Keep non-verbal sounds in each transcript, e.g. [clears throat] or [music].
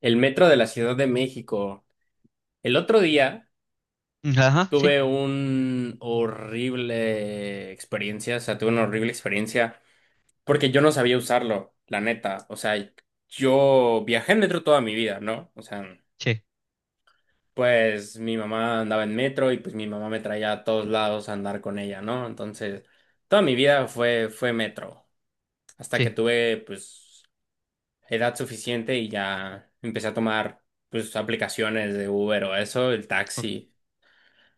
El metro de la Ciudad de México. El otro día Ajá, sí, tuve un horrible experiencia, o sea, tuve una horrible experiencia porque yo no sabía usarlo, la neta. O sea, yo viajé en metro toda mi vida, ¿no? O sea, sí, pues mi mamá andaba en metro y pues mi mamá me traía a todos lados a andar con ella, ¿no? Entonces, toda mi vida fue metro, hasta que sí, tuve pues edad suficiente y ya empecé a tomar pues aplicaciones de Uber o eso, el o- taxi.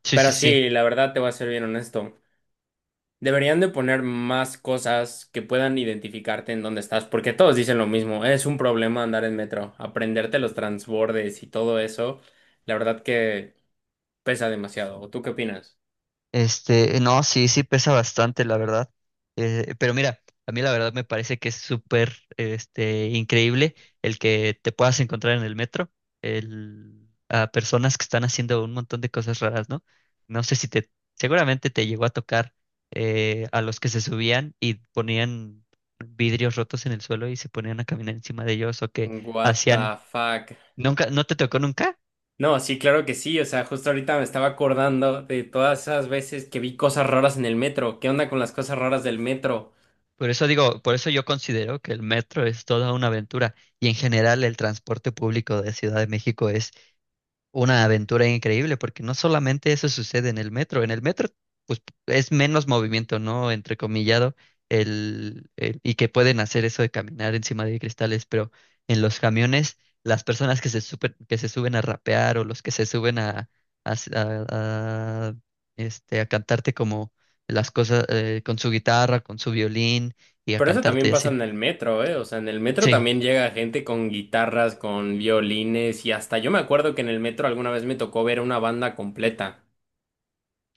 sí, sí, Pero sí. sí, la verdad te voy a ser bien honesto. Deberían de poner más cosas que puedan identificarte en dónde estás, porque todos dicen lo mismo. Es un problema andar en metro, aprenderte los transbordes y todo eso. La verdad que pesa demasiado. ¿O ¿Tú qué opinas? No, sí, sí pesa bastante, la verdad. Pero mira, a mí la verdad me parece que es súper, increíble el que te puedas encontrar en el metro a personas que están haciendo un montón de cosas raras, ¿no? No sé si te, seguramente te llegó a tocar a los que se subían y ponían vidrios rotos en el suelo y se ponían a caminar encima de ellos o que What hacían, the fuck. nunca, ¿no te tocó nunca? No, sí, claro que sí. O sea, justo ahorita me estaba acordando de todas esas veces que vi cosas raras en el metro. ¿Qué onda con las cosas raras del metro? Por eso digo, por eso yo considero que el metro es toda una aventura y en general el transporte público de Ciudad de México una aventura increíble, porque no solamente eso sucede en el metro pues es menos movimiento, ¿no? Entrecomillado, y que pueden hacer eso de caminar encima de cristales, pero en los camiones, las personas que se suben a rapear o los que se suben a, s- a, a cantarte como las cosas con su guitarra, con su violín y a Pero eso cantarte y también pasa así. en el metro, ¿eh? O sea, en el metro Sí. también llega gente con guitarras, con violines y hasta yo me acuerdo que en el metro alguna vez me tocó ver una banda completa.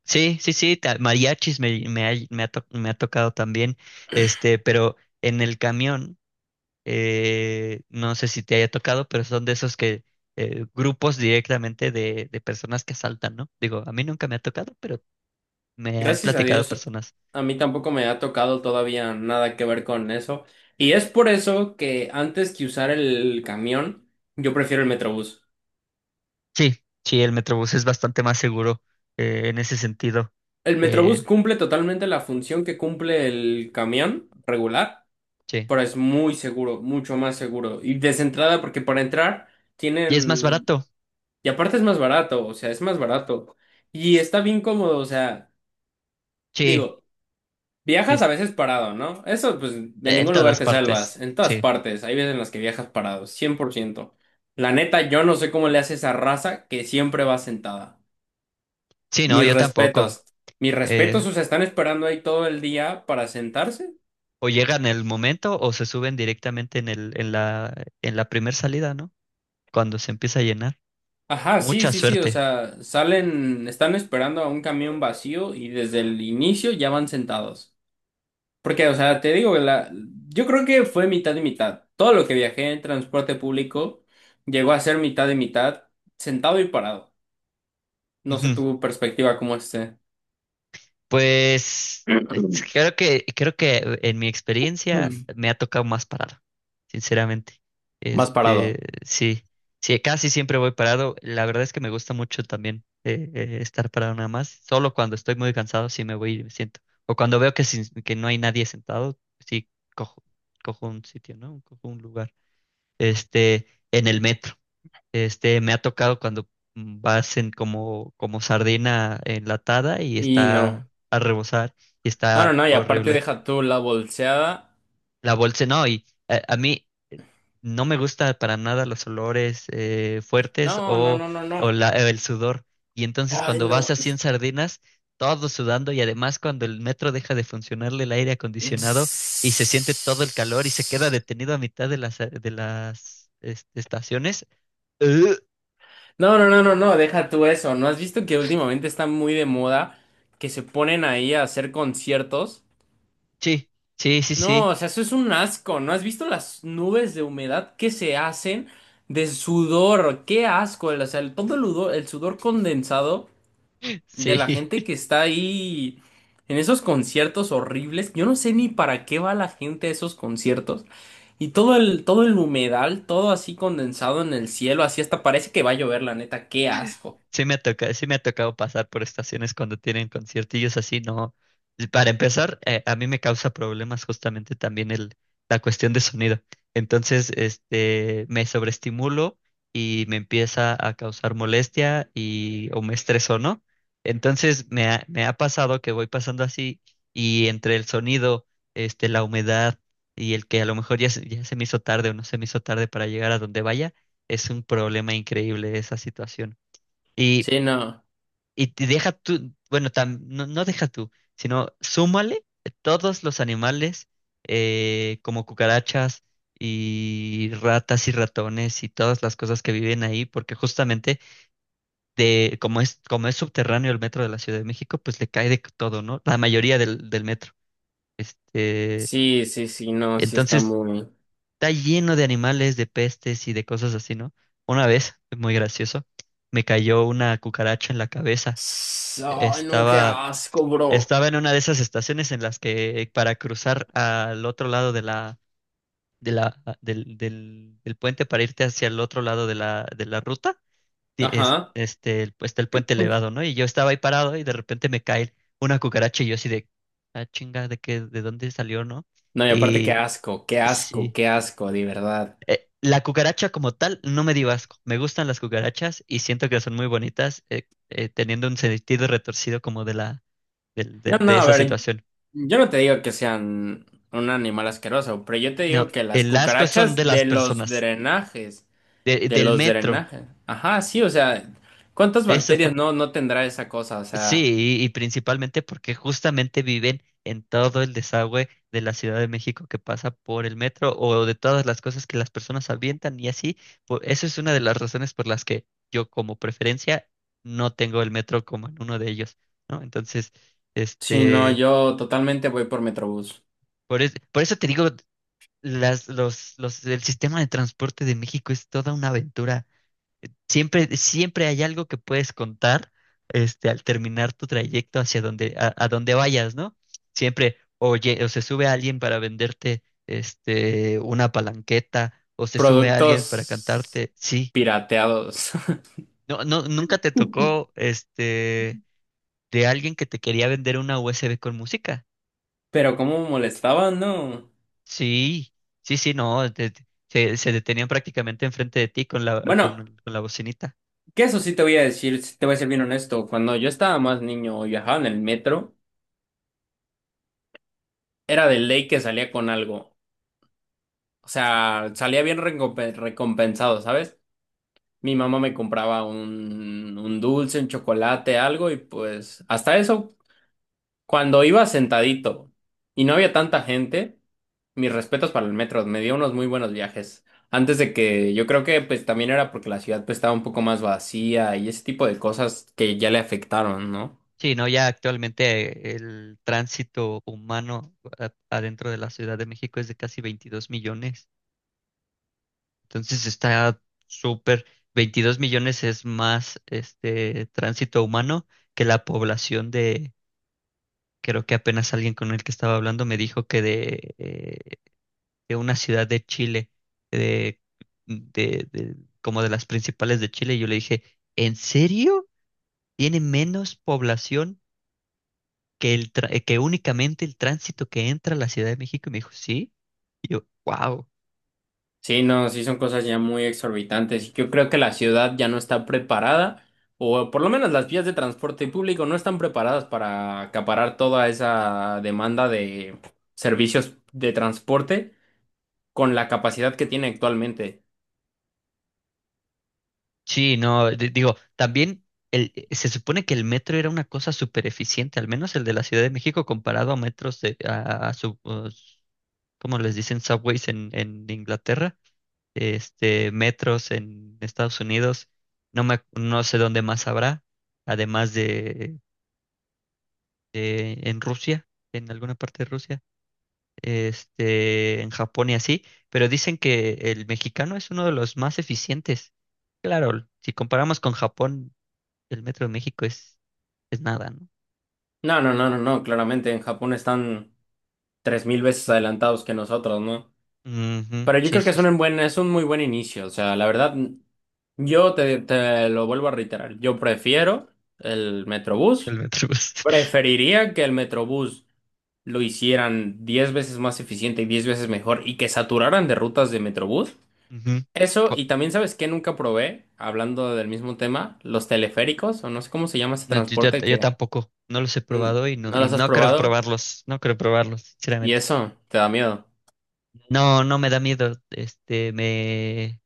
Sí, sí, sí, mariachis me ha tocado también, pero en el camión, no sé si te haya tocado, pero son de esos que grupos directamente de personas que asaltan, ¿no? Digo, a mí nunca me ha tocado, pero me han Gracias a platicado Dios, personas. a mí tampoco me ha tocado todavía nada que ver con eso. Y es por eso que antes que usar el camión, yo prefiero el metrobús. Sí, sí, el Metrobús es bastante más seguro en ese sentido, El metrobús eh, cumple totalmente la función que cumple el camión regular, sí. pero es muy seguro, mucho más seguro. Y desentrada porque para entrar Y es más tienen. barato, Y aparte es más barato, o sea, es más barato. Y está bien cómodo, o sea, sí, digo, sí, viajas a es- veces parado, ¿no? Eso, pues, de en ningún lugar todas te partes, salvas. En todas sí. partes, hay veces en las que viajas parado, cien por ciento. La neta, yo no sé cómo le hace esa raza que siempre va sentada. Sí, no, Mis yo tampoco. respetos. Mis eh, respetos, o sea, están esperando ahí todo el día para sentarse. O llegan en el momento o se suben directamente en la primera salida, ¿no? Cuando se empieza a llenar. Ajá, sí, Mucha sí, sí, o suerte. sea, salen, están esperando a un camión vacío y desde el inicio ya van sentados. Porque, o sea, te digo, la, yo creo que fue mitad y mitad. Todo lo que viajé en transporte público llegó a ser mitad y mitad, sentado y parado. No sé Ujú. tu perspectiva cómo esté. Pues es- [clears throat] creo que en mi experiencia Mm. me ha tocado más parado, sinceramente. Más Este, parado. sí, sí, casi siempre voy parado. La verdad es que me gusta mucho también estar parado nada más. Solo cuando estoy muy cansado sí me voy y me siento. O cuando veo que no hay nadie sentado, sí cojo, cojo un sitio, ¿no? Cojo un lugar. este, en el metro. Me ha tocado cuando vas en como sardina enlatada y Y no. está a rebosar y No, no, está no. Y aparte horrible. deja tú la bolseada. La bolsa, no, y mí no me gusta para nada los olores fuertes No, no, no, no, no. El sudor. Y entonces Ay, cuando vas no. así en sardinas, todo sudando y además cuando el metro deja de funcionarle el aire acondicionado y se siente todo el calor y se queda detenido a mitad de las estaciones. No, no, no, no, no. Deja tú eso. ¿No has visto que últimamente está muy de moda que se ponen ahí a hacer conciertos? Sí, sí, sí, No, sí, o sea, eso es un asco. ¿No has visto las nubes de humedad que se hacen de sudor? Qué asco. O sea, todo el sudor condensado [laughs] de la sí. gente que está ahí en esos conciertos horribles. Yo no sé ni para qué va la gente a esos conciertos. Y todo el humedal, todo así condensado en el cielo, así hasta parece que va a llover, la neta. Qué asco. Sí me ha tocado, sí me ha tocado pasar por estaciones cuando tienen conciertillos así, no. Para empezar, a mí me causa problemas justamente también la cuestión de sonido. Entonces, me sobreestimulo y me empieza a causar molestia y o me estreso, ¿no? Entonces, me ha pasado que voy pasando así y entre el sonido, la humedad y el que a lo mejor ya se me hizo tarde o no se me hizo tarde para llegar a donde vaya, es un problema increíble esa situación. Y Sí, no. y te deja tú, bueno, no deja tú, sino súmale todos los animales como cucarachas y ratas y ratones y todas las cosas que viven ahí, porque justamente como es subterráneo el metro de la Ciudad de México, pues le cae de todo, ¿no? La mayoría del metro. Este, Sí, sí, sí, no, sí está entonces muy... está lleno de animales, de pestes y de cosas así, ¿no? Una vez, muy gracioso, me cayó una cucaracha en la cabeza. Ay, no, qué Estaba asco, bro. Estaba en una de esas estaciones en las que para cruzar al otro lado de la, del puente para irte hacia el otro lado de la ruta, Ajá. Pues, está el puente elevado, ¿no? Y yo estaba ahí parado y de repente me cae una cucaracha y yo así de, ah, chinga, ¿de dónde salió, no? No, y aparte, qué Y asco, qué asco, sí, qué asco, de verdad. La cucaracha como tal no me dio asco. Me gustan las cucarachas y siento que son muy bonitas, teniendo un sentido retorcido como de la, No, no, de a esa ver, situación. yo no te digo que sean un animal asqueroso, pero yo te No, digo que las el asco son de cucarachas las de los personas, drenajes, de del los metro. drenajes. Ajá, sí, o sea, ¿cuántas Ese fue, bacterias no tendrá esa cosa? O sea, sí, y principalmente porque justamente viven en todo el desagüe de la Ciudad de México que pasa por el metro o de todas las cosas que las personas avientan y así. Por, eso es una de las razones por las que yo como preferencia no tengo el metro como en uno de ellos, ¿no? Entonces, si no, este, yo totalmente voy por Metrobús. Por eso te digo, el sistema de transporte de México es toda una aventura. Siempre, siempre hay algo que puedes contar, al terminar tu trayecto hacia donde, a donde vayas, ¿no? Siempre, oye, o se sube alguien para venderte, una palanqueta, o se sube alguien para Productos cantarte, sí. pirateados. No, no, nunca te tocó, [laughs] de alguien que te quería vender una USB con música. Pero cómo molestaban, ¿no? Sí, sí, sí, no, se detenían prácticamente enfrente de ti Bueno, con la bocinita. que eso sí te voy a decir, sí te voy a ser bien honesto, cuando yo estaba más niño y viajaba en el metro, era de ley que salía con algo. O sea, salía bien recompensado, ¿sabes? Mi mamá me compraba un dulce, un chocolate, algo, y pues hasta eso, cuando iba sentadito y no había tanta gente, mis respetos para el metro, me dio unos muy buenos viajes. Antes de que yo creo que pues también era porque la ciudad pues estaba un poco más vacía y ese tipo de cosas que ya le afectaron, ¿no? Sí, no, ya actualmente el tránsito humano adentro de la Ciudad de México es de casi 22 millones. Entonces está súper, 22 millones es más este tránsito humano que la población de, creo que apenas alguien con el que estaba hablando me dijo que de una ciudad de Chile, de, de, de- como de las principales de Chile. Y yo le dije, ¿en serio? ¿Tiene menos población? Que únicamente el tránsito que entra a la Ciudad de México. Y me dijo, sí. Y yo, wow. Sí, no, sí son cosas ya muy exorbitantes y yo creo que la ciudad ya no está preparada, o por lo menos las vías de transporte público no están preparadas para acaparar toda esa demanda de servicios de transporte con la capacidad que tiene actualmente. Sí, no, digo, también se supone que el metro era una cosa súper eficiente, al menos el de la Ciudad de México comparado a metros de, a sub- os- ¿cómo les dicen? Subways en Inglaterra, metros en Estados Unidos, no sé dónde más habrá, además de en Rusia, en alguna parte de Rusia. En Japón y así, pero dicen que el mexicano es uno de los más eficientes. Claro, si comparamos con Japón, el metro de México es nada, ¿no? No, no, no, no, no, claramente en Japón están 3.000 veces adelantados que nosotros, ¿no? Ujú, Pero yo sí, creo que sí, es sí, un buen, es un muy buen inicio, o sea, la verdad, yo te lo vuelvo a reiterar, yo prefiero el el Metrobús. metro. [laughs] Preferiría que el Metrobús lo hicieran 10 veces más eficiente y 10 veces mejor y que saturaran de rutas de Metrobús. Ujú. Eso, Oh, y también sabes que nunca probé, hablando del mismo tema, los teleféricos, o no sé cómo se llama ese no, transporte yo que tampoco, no los he mm, probado no y los has no creo probado probarlos, no creo probarlos, y sinceramente. eso te da miedo. No, no me da miedo, me...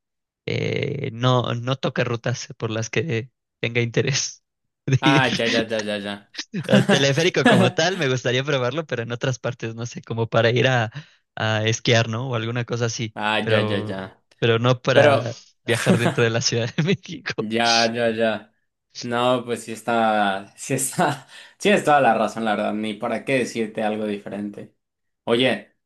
no, no toca rutas por las que tenga interés [laughs] de ir. Ah, ya, ya, ya, ya, ya. [laughs] El teleférico como [laughs] tal, me gustaría probarlo, pero en otras partes, no sé, como para ir a esquiar, ¿no? O alguna cosa así, Ah, ya, ya, ya. pero no Pero para viajar dentro de [laughs] la Ciudad de [laughs] México. ya, ya, ya. No, pues sí está, [laughs] sí es toda la razón, la verdad, ni para qué decirte algo diferente. Oye,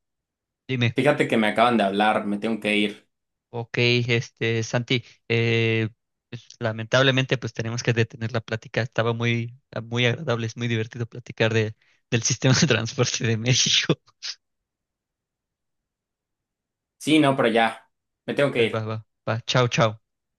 Dime, fíjate que me acaban de hablar, me tengo que ir. ok, Santi, eh, pues, lamentablemente pues tenemos que detener la plática. Estaba muy, muy agradable, es muy divertido platicar de, del sistema de transporte de México. Sí, no, pero ya, me tengo que [laughs] Va, ir. va, va, chao, chao.